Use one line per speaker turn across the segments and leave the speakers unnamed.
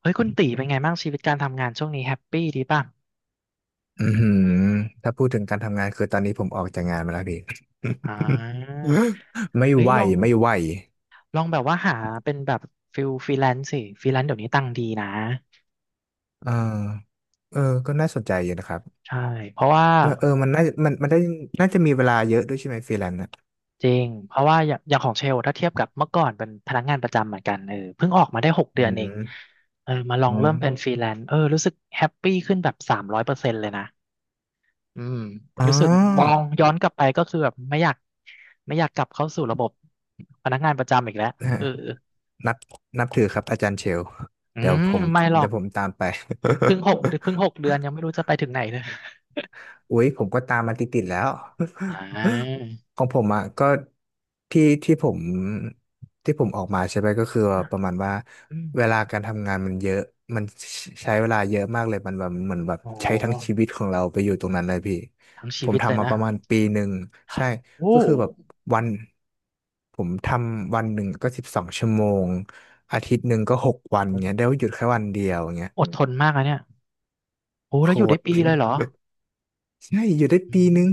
เฮ้ยคุณตีเป็นไงบ้างชีวิตการทำงานช่วงนี้แฮปปี้ดีป่ะ
อือหือถ้าพูดถึงการทำงานคือตอนนี้ผมออกจากงานมาแล้วพี่
อ่า
ไม่
เฮ้ย
ไหว
ลอง
ไม่ไหว
ลองแบบว่าหาเป็นแบบฟิลฟรีแลนซ์สิฟรีแลนซ์เดี๋ยวนี้ตังค์ดีนะ
เออเออก็น่าสนใจอยู่นะครับ
ใช่เพราะว่า
มันมันมันได้น่าจะมีเวลาเยอะด้วยใช่ไหมฟรีแลนซ์อ่ะ
จริงเพราะว่าอย่างของเชลถ้าเทียบกับเมื่อก่อนเป็นพนักงานประจำเหมือนกันเออเพิ่งออกมาได้หก
อื
เดือนเอง
ม
เออมาลอ
อ๋อ
งเริ่มเป็นฟรีแลนซ์รู้สึกแฮปปี้ขึ้นแบบ300%เลยนะอืม
อ๋อ
รู้สึกมองย้อนกลับไปก็คือแบบไม่อยากกลับเข้าสู่ระบบพนักงานประจำอีกแล้ว
ฮะ
เออ
นับนับถือครับอาจารย์เชล
อื
เดี๋ยว
ม
ผม
ไม่หรอ
เดี๋
ก
ยวผมตามไป
เพิ่งหก เพิ่งหกเดือนยังไม่รู้จะไปถึงไหนเลย
อุ๊ยผมก็ตามมาติดๆแล้ว
อ่า
ของผมอ่ะก็ที่ที่ผมที่ผมออกมาใช่ไหมก็คือประมาณว่า
อืม
เวลาการทำงานมันเยอะมันใช้เวลาเยอะมากเลยมันแบบเหมือนแบบ
โอ้
ใช้ทั้งชีวิตของเราไปอยู่ตรงนั้นเลยพี่
ทั้ง
ผ
ชี
ม
วิตเลย
ทำมา
นะ
ประมาณปีหนึ่งใช่
โอ้
ก็คือแบบวันผมทำวันหนึ่งก็สิบสองชั่วโมงอาทิตย์หนึ่งก็6 วันเงี้ยได้หยุดแค่วันเดียวเงี้ย
อดทนมากนะเนี่ยโอ้
โค
แล้วอยู่ได้
ต
ปี
ร
เลยเหรอ
ใช่อยู่ได้
อื
ปี
ม
นึง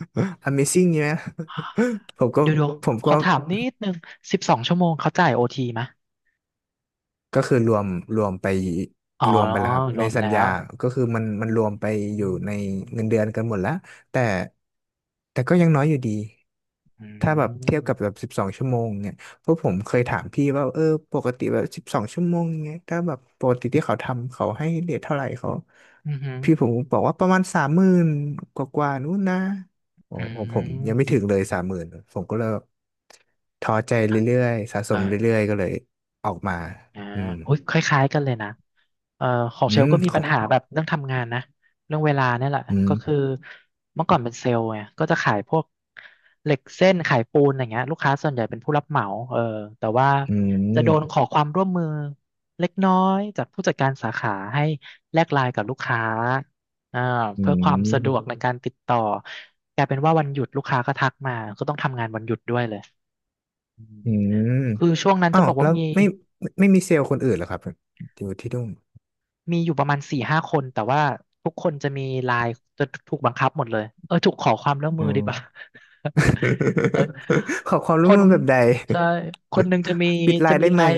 Amazing นี่ไหม ผมก็
เดี๋ยว
ผม
ข
ก็
อถามนิดนึง12 ชั่วโมงเขาจ่ายโอทีไหม
ก็คือรวมไป
อ๋อ
รวมไปแล้วครับ
ร
ใน
วม
สัญ
แล้
ญา
ว
ก็คือมันรวมไป
อื
อยู่ใน
ม
เงินเดือนกันหมดแล้วแต่แต่ก็ยังน้อยอยู่ดี
อื
ถ้าแบบเทียบกับแบ
ม
บสิบสองชั่วโมงเนี่ยเพราะผมเคยถามพี่ว่าเออปกติแบบสิบสองชั่วโมงเนี่ยถ้าแบบปกติที่เขาทำเขาให้เรทเท่าไหร่เขา
อืมอหื
พี่ผมบอกว่าประมาณสามหมื่นกว่ากว่าๆนู้นนะโอ้
ออื
โหผมยังไม่ถึ
ม
งเลยสามหมื่นผมก็เลยแบบท้อใจเรื่อยๆสะส
เอ
ม
อ
เรื่อยๆก็เลยออกมา
อ่า
อืม
โอ้ยคล้ายๆกันเลยนะ เอ่อของ
อื
เชล
ม
ก็มี
ข
ปั
อ
ญ
ง
หาแบบเรื่องทำงานนะเรื่องเวลาเนี่ยแหละ
อื
ก็คือ
ม
เมื่อก่อนเป็นเซลล์ไงก็จะขายพวกเหล็กเส้นขายปูนอะไรเงี้ยลูกค้าส่วนใหญ่เป็นผู้รับเหมาเออแต่ว่า
อื
จะโดนข
ม
อความร่วมมือเล็กน้อยจากผู้จัดการสาขาให้แลกไลน์กับลูกค้าอ่า
อื
เพื่อความสะดวก
ม
ในการติดต่อกลายเป็นว่าวันหยุดลูกค้าก็ทักมาก็ต้องทำงานวันหยุดด้วยเลยอืม
อืม
คือช่วงนั้น
อ้า
จะ
ว
บอก
แล้
ว่า
ว
มี
ไม่ไม่ไมมีเซลล์คนอื่นเหรอครับอยู่ที่นู่น
มีอยู่ประมาณ4-5 คนแต่ว่าทุกคนจะมีไลน์จะถูกบังคับหมดเลยเออถูกขอความร่วมมื
อื
อดี
ม
กว่า เออ
ขอความ
ค
ร่วม
น
มือแบบใด
ใช่คนหนึ่งจะมี
ปิดไล
จะ
น์
มี
ได้
ไล
ไหม
น์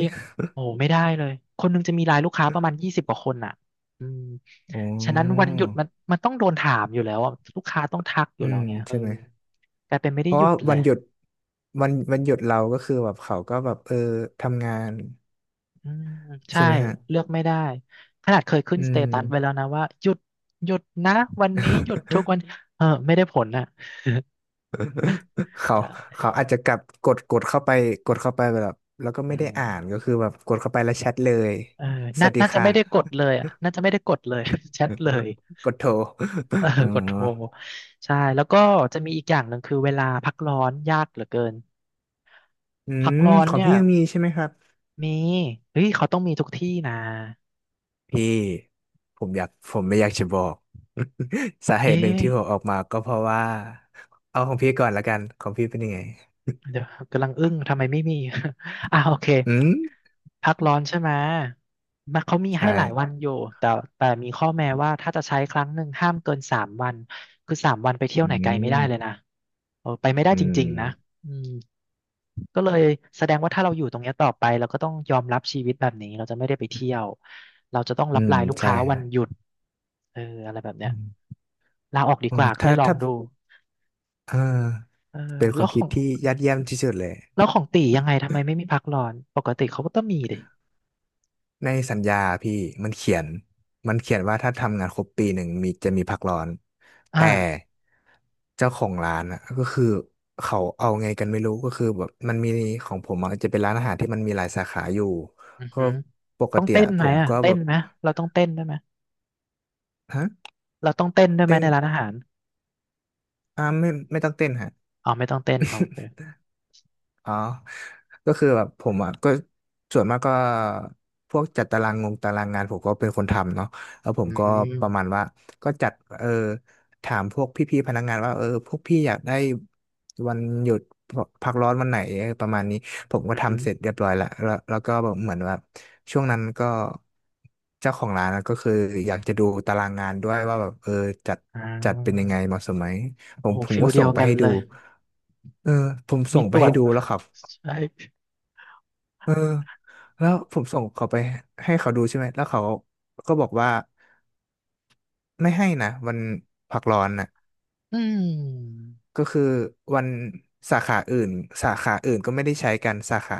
โอ้ไม่ได้เลยคนหนึ่งจะมีไลน์ลูกค้าประมาณ20 กว่าคนอ่ะอืม
อ๋
ฉะนั้นวัน
อ
หยุดมันต้องโดนถามอยู่แล้วอะลูกค้าต้องทักอ
อื
ยู่แล้ว
ม
ไงเออ
ใช่ไหม
กลายเป็นไม่
เพ
ได้ห
ราะ
ยุ
ว่า
ดเลย
วันหยุดเราก็คือแบบเขาก็แบบเออทำงาน
อืมใช่
ใช่ไหมฮะ
เลือกไม่ได้ขนาดเคยขึ้น
อื
สเต
ม
ตัสไว้แล้วนะว่าหยุดนะวันนี้หยุดทุกวันเออไม่ได้ผลอ่ะ
เขา
ใช่
เขาอาจจะกลับกดเข้าไปกดเข้าไปแบบแล้วก็
อื
ไม่ได้
ม
อ่านก็คือแบบกดเข้าไปแล้วแชทเลย
เออ
ส
น่า
วัสดี
น่าจะ
ค่
ไม่ได้กด
ะ
เลยอ่ะน่าจะไม่ได้กดเลย แชทเลย
กดโทร
เออ
เอ่อ
กดโทรใช่แล้วก็จะมีอีกอย่างหนึ่งคือเวลาพักร้อนยากเหลือเกิน
อื
พัก
ม
ร้อน
ของ
เนี่ย
พี่ยังมีใช่ไหมครับ
มีเฮ้ยเขาต้องมีทุกที่นะ
พี่ผมไม่อยากจะบอก สาเห
เอ๊
ตุหนึ่ง
ะ
ที่ผมออกมาก็เพราะว่า เอาของพี่ก่อนละกัน ของพี่เป็นยังไง
เดี๋ยวกำลังอึ้งทำไมไม่มี อ่าโอเค
อืม
พักร้อนใช่ไหมมันเขามี
ใช่
ให้หลายวันอยู่แต่แต่มีข้อแม้ว่าถ้าจะใช้ครั้งหนึ่งห้ามเกินสามวันคือสามวันไปเที่ยว
อื
ไหนไกลไม่ได้เลย
ม
นะเออไปไม่ได้
อื
จ
ม
ริงๆนะอืมก็เลยแสดงว่าถ้าเราอยู่ตรงเนี้ยต่อไปเราก็ต้องยอมรับชีวิตแบบนี้เราจะไม่ได้ไปเที่ยวเรา
อืม
ตายลูก
ใช่
ค้าวันหยุดเอออะไรแบบเนี้
อื
ย
ม
ลาออกดี
โอ้
กว่าก็เลยลอง
ถ้า
ดู
เออ
เออ
เป็นค
แล้
วา
ว
ม
ข
คิ
อ
ด
ง
ที่ยอดเยี่ยมที่สุดเลย
แล้วของตียังไงทำไมไม่มีพักร้อนปกติเขาก็ต้องมีดิ
ในสัญญาพี่มันเขียนมันเขียนว่าถ้าทำงานครบปีหนึ่งมีจะมีพักร้อนแต่
อ่า
เจ้าของร้านอ่ะก็คือเขาเอาไงกันไม่รู้ก็คือแบบมันมีของผมอะจะเป็นร้านอาหารที่มันมีหลายสาขาอยู่
อือ
ก็
หือ
ปก
ต้อง
ติ
เต้น
อะผ
ไหม
ม
อ่ะ
ก็
เต้
แบ
น
บ
ไหมเราต้องเต้นด้วยไหม
ฮะ
เราต้องเต้นด้วยไหม
เต้น
ในร้านอาหาร
อ่าไม่ต้องเต้นฮะ
อ๋อไม่ต้องเต้นเอาโอเค
อ๋อก็คือแบบผมอ่ะก็ส่วนมากก็พวกจัดตารางงงตารางงานผมก็เป็นคนทำเนาะแล้วผ
อื
มก็
ม
ประมาณว่าก็จัดเออถามพวกพี่ๆพนักงานว่าเออพวกพี่อยากได้วันหยุดพักร้อนวันไหนอประมาณนี้ผมก็
อือหือ
ทำเสร็จเรียบร้อยละแล้วแล้วก็แบบเหมือนแบบช่วงนั้นก็เจ้าของร้านอะก็คืออยากจะดูตารางงานด้วยว่าแบบเออจัด
อ่
จัดเป็นยังไง
า
เหมาะสมไหม
โอ้โห
ผม
ฟิล
ก็
เดี
ส่
ย
ง
ว
ไป
กัน
ให้
เล
ดู
ย
เออผม
มี
ส่ง
ต
ไป
รว
ให้
จ
ดูแล้วครับ
ใช่
เออแล้วผมส่งเขาไปให้เขาดูใช่ไหมแล้วเขาก็บอกว่าไม่ให้นะวันพักร้อนนะ
อืม
ก็คือวันสาขาอื่นสาขาอื่นก็ไม่ได้ใช้กันสาขา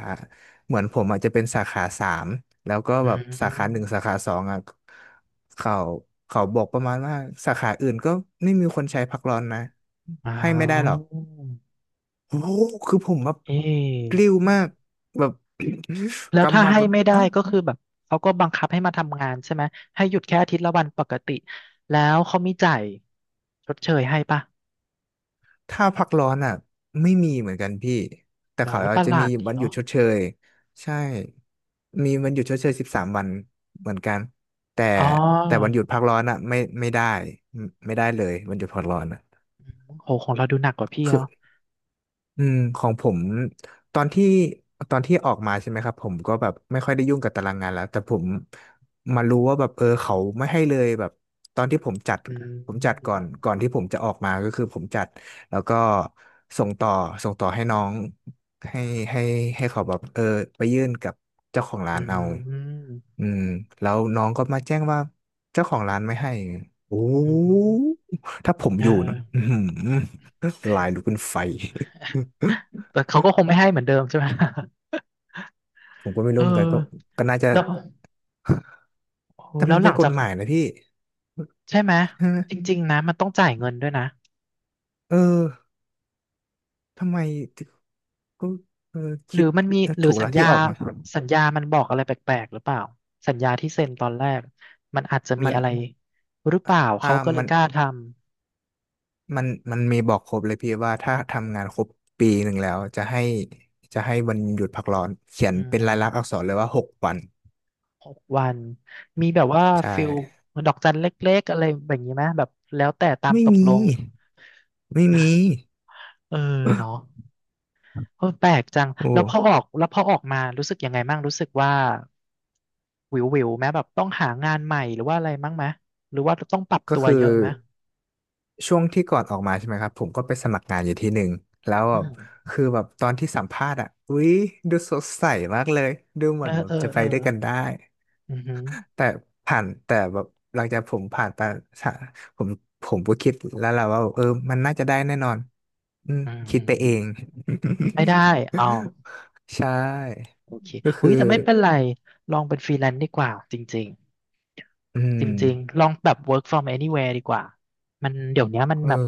เหมือนผมอาจจะเป็นสาขาสามแล้วก็
อื
แบบสาขาหนึ่งสา
ม
ขาสองอ่ะเขาเขาบอกประมาณว่าสาขาอื่นก็ไม่มีคนใช้พักร้อนนะ
อ้า
ให้ไม่ได้ห
ว
รอก โอ้โหคือผมแบบ
เอ๊ะ
กลิ้วมากแบบ
แล้ ว
กำ
ถ้า
หมัด
ให้
แบบ
ไม่ได้
อ้าว
ก็คือแบบเขาก็บังคับให้มาทำงานใช่ไหมให้หยุดแค่อาทิตย์ละวันปกติแล้วเขามีจ่ายชดเชยให้ปะ
ถ้าพักร้อนอ่ะไม่มีเหมือนกันพี่แต่
หรอ
เขา
ป
อาจ
ระห
จะ
ลา
มี
ดดี
วันหยุ
เนาะ
ดชดเชยใช่มีวันหยุดชดเชย13 วันเหมือนกันแต่
อ๋อ
แต่วันหยุดพักร้อนอ่ะไม่ได้ไม่ได้เลยวันหยุดพักร้อนอ่ะ
อืมโหของเราดูหนักกว่าพี่
คือ
เนาะ
อืมของผมตอนที่ตอนที่ออกมาใช่ไหมครับผมก็แบบไม่ค่อยได้ยุ่งกับตารางงานแล้วแต่ผมมารู้ว่าแบบเออเขาไม่ให้เลยแบบตอนที่ผมจัด
อื
ก่
ม
อนก่อนที่ผมจะออกมาก็คือผมจัดแล้วก็ส่งต่อส่งต่อให้น้องให้ให้ให้เขาแบบเออไปยื่นกับเจ้าของร้า
อื
นเอา
ม
อืมแล้วน้องก็มาแจ้งว่าเจ้าของร้านไม่ให้โอ้
อืม
ถ้าผม
เอ
อยู่
อ
นะอือหือลายลุกเป็นไฟ
แต่เขาก็คงไม่ให้เหมือนเดิมใช่ไหม
ผมก็ไม่
เอ
รู้
อ
เหมือนกันก็ก็น่าจะ
แล้วโอ้โห
แต่
แล้
มั
ว
น
ห
เป็
ลั
น
ง
ก
จา
ฎ
ก
หมายนะพี่
ใช่ไหม
ใช่ไหม
จริงๆนะมันต้องจ่ายเงินด้วยนะ
เออทำไมก็เออ
หรื
คิ
อ
ด
มันมีหรือ
ถูก
สั
แล้
ญ
ว
ญา
ที่ออกมา
สัญญามันบอกอะไรแปลกๆหรือเปล่าสัญญาที่เซ็นตอนแรกมันอาจจะมี
มัน
อะไรหรือเปล่า
อ่า
เขาก็เลย
มัน
กล้าทำ
มันมันมีบอกครบเลยพี่ว่าถ้าทำงานครบปีหนึ่งแล้วจะให้วันหยุดพักร้อนเขียน
อื
เป็น
ม
ลายลักษณ์อักษรเลยว่าหกวัน
6 วันมีแบบว่า
ใช่
ฟิลดอกจันเล็กๆอะไรแบบนี้ไหมแบบแล้วแต่ตาม
ไม่
ตก
มี
ลง
ไม่มี
เออเนาะเออแปลกจัง
โอ้
แล้วพอออกแล้วพอออกมารู้สึกยังไงบ้างรู้สึกว่าวิวๆไหมแบบต้องหางานใหม่หรือว่าอะไรมั้งไหมหรือว่าต้องปรับ
ก็
ตัว
คือ
เยอะไหม
ช่วงที่ก่อนออกมาใช่ไหมครับผมก็ไปสมัครงานอยู่ที่หนึ่งแล้ว
อื
แบบ
ม
คือแบบตอนที่สัมภาษณ์อ่ะอุ๊ยดูสดใสมากเลยดูเห
เอ
มื
อ
อนแบ
เอ
บ
อ
จะไป
เออ
ด้วยกันได้
อือหือ
แต่ผ่านแต่แบบหลังจากผมผ่านไปสะผมผมก็คิดแล้วแหละว่าเออมันน่าจะได้แน่นอนอืม
อืม
คิ
อื
ด
ม
ไปเอ
อื
ง
มไม่ได้อ๋อ
ใช่
โอเค
ก็
อุ้
คือ
ยแต่ไม่เป็นไรลองเป็นฟรีแลนซ์ดีกว่าจริง
อื
จ
ม
ริงๆลองแบบ work from anywhere ดีกว่ามันเดี๋ยวเนี้ยมัน
เออ
แบบ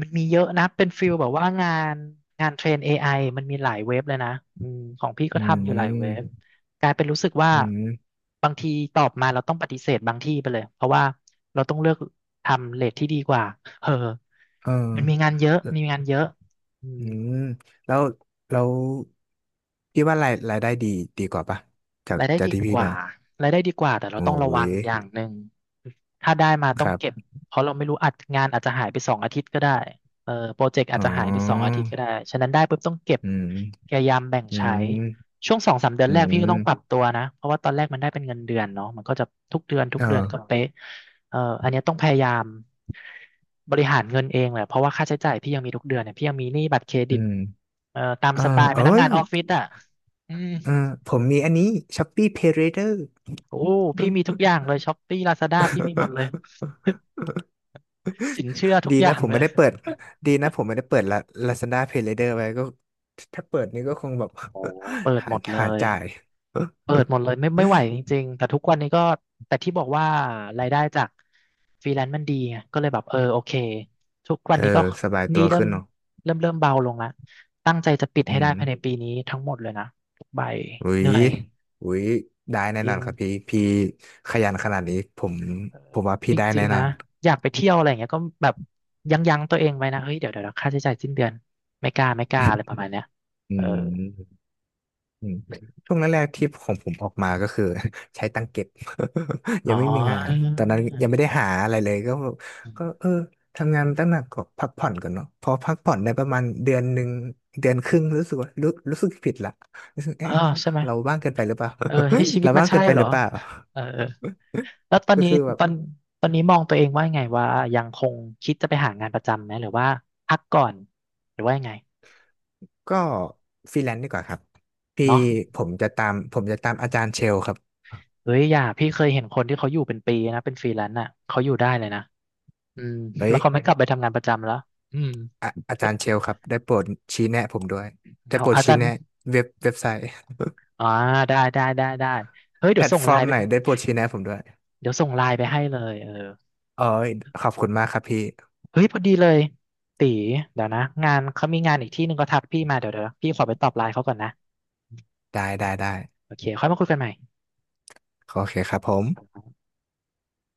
มันมีเยอะนะเป็นฟิลแบบว่างานงานเทรน AI มันมีหลายเว็บเลยนะอืมของพี่ก็
อื
ทำอยู่หลายเว็บ
ม
กลายเป็นรู้สึกว่า
อืม
บางทีตอบมาเราต้องปฏิเสธบางที่ไปเลยเพราะว่าเราต้องเลือกทำเรทที่ดีกว่าเออ
เออ
มันมีงานเยอะมีงานเยอะอื
อื
ม
มแล้วแล้วพี่ว่ารายได้ดีดีกว่าปะ
รายได้
จาก
ดี
ที่
ก
พี่
ว่า
มา
รายได้ดีกว่าแต่เรา
โอ้
ต้องระวั
ย
งอย่างหนึ่งถ้าได้มาต้
ค
อง
รั
เก็บ
บ
เพราะเราไม่รู้อัดงานอาจจะหายไปสองอาทิตย์ก็ได้เออโปรเจกต์อาจ
อ๋อ
จะหายไปสองอาทิตย์ก็ได้ฉะนั้นได้ปุ๊บต้องเก็บ
อืม
พยายามแบ่ง
อื
ใช้
ม
ช่วงสองสามเดือน
อื
แรกพี่ก็
ม
ต้องปรับตัวนะเพราะว่าตอนแรกมันได้เป็นเงินเดือนเนาะมันก็จะทุกเดือนทุก
เอ
เดือนก็
อ
เป๊ะเอออันเนี้ยต้องพยายามบริหารเงินเองแหละเพราะว่าค่าใช้จ่ายพี่ยังมีทุกเดือนเนี่ยพี่ยังมีหนี้บัตรเครดิ
อื
ต
ม
เออตาม
เออ
สไตล์พ
เอ้
นักงา
ย
นออฟฟิศอ่ะอืม
เออผมมีอันนี้ Shopee Pay Later
โอ้พี่มีทุกอย่างเลยช้อปปี้ลาซาด้าพี่มีหมดเลย สินเชื่อทุก
ดี
อ
นะ
ย่าง
ผม
เล
ไม่
ย
ได้เปิดดีนะผมไม่ได้เปิดละ Lazada Pay Later ไว้ก็ถ้าเปิดนี่ก็คงแบบ
โอ้เปิด
หา
หมดเล
หา
ย
จ่าย
เปิดหมดเลยไม่ไหว จริงๆแต่ทุกวันนี้ก็แต่ที่บอกว่ารายได้จากฟรีแลนซ์มันดีไงก็เลยแบบเออโอเคทุกวั
เอ
น
อ
นี้ก็
สบาย
ห
ตั
นี่
ว
เริ่ม
ขึ้นเนาะ
เริ่มเบาลงละตั้งใจจะปิด
อื
ให้ได้
ม
ภายในปีนี้ทั้งหมดเลยนะทุกใบ
อุ้
เห
ย
นื่อย
อุ้ยได้แน่
จ
น
ริ
อน
ง
ครับพี่พี่ขยันขนาดนี้ผมผมว่า
จ
พี่ได้
ริ
แน่
งๆ
นอ
นะ
น
อยากไปเที่ยวอะไรอย่างเงี้ยก็แบบยั้งตัวเองไว้นะเฮ้ยเดี๋ยวค่าใช้จ่ายสิ้นเดือนไม่กล้าอะไรประมาณเนี้ย
อื
เออ
มอืมช่วงแรกๆที่ของผมออกมาก็คือ ใช้ตังเก็บ
อ๋
ยั
อ
งไม่มีงานตอนนั้นยังไม่ได้หาอะไรเลยก็ก็เออทำงานตั้งหนักก็พักผ่อนก่อนเนาะพอพักผ่อนได้ประมาณเดือนหนึ่งเดือนครึ่งรู้สึกว่ารู้สึกผิดละรู้สึก
อ๋อ
เอ๊ะ
ใช่ไหม
เราบ้างเกินไปหรือเปล่า
เออเอ้ยชี วิ
เรา
ตมัน
บ้าง
ใช่
เกินไป
เหร
ห
อ
รือเปล่า
เออเออแล้วตอ น
ก็
นี้
คือแบบ
ตอนตอนนี้มองตัวเองว่ายังไงว่ายังคงคิดจะไปหางานประจำไหมหรือว่าพักก่อนหรือว่ายังไง
ก็ฟรีแลนซ์ดีกว่าครับพี่
เนาะ
ผมจะตามอาจารย์เชลครับ
เฮ้ยอย่าพี่เคยเห็นคนที่เขาอยู่เป็นปีนะเป็นฟรีแลนซ์อ่ะเขาอยู่ได้เลยนะอืม
เฮ้
แล้
ย
วเขาไม่กลับไปทำงานประจำแล้วอืม
อะอาจารย์เชลครับได้โปรดชี้แนะผมด้วยได้
เอา
โปรด
อา
ชี้
จารย์
แนะเว็บไซต์
อ่าได้เฮ้ย
แพ
เดี๋ย
ล
ว
ต
ส่ง
ฟ
ไล
อร์ม
น์ไป
ไหนได้โปรดชี้แนะผมด้วย
เดี๋ยวส่งไลน์ไปให้เลยเออ
เอ้ยขอบคุณมากครับพี่
เฮ้ย พอดีเลย ตี เดี๋ยวนะ งานเขามีงานอีกที่หนึ่งก็ทักพี่มาเดี๋ยว พี่ขอไปตอบไลน์เขาก่อนนะ
ได้ได้ได้
โอเค ค่อยมาคุยกันใหม่
โอเคครับผม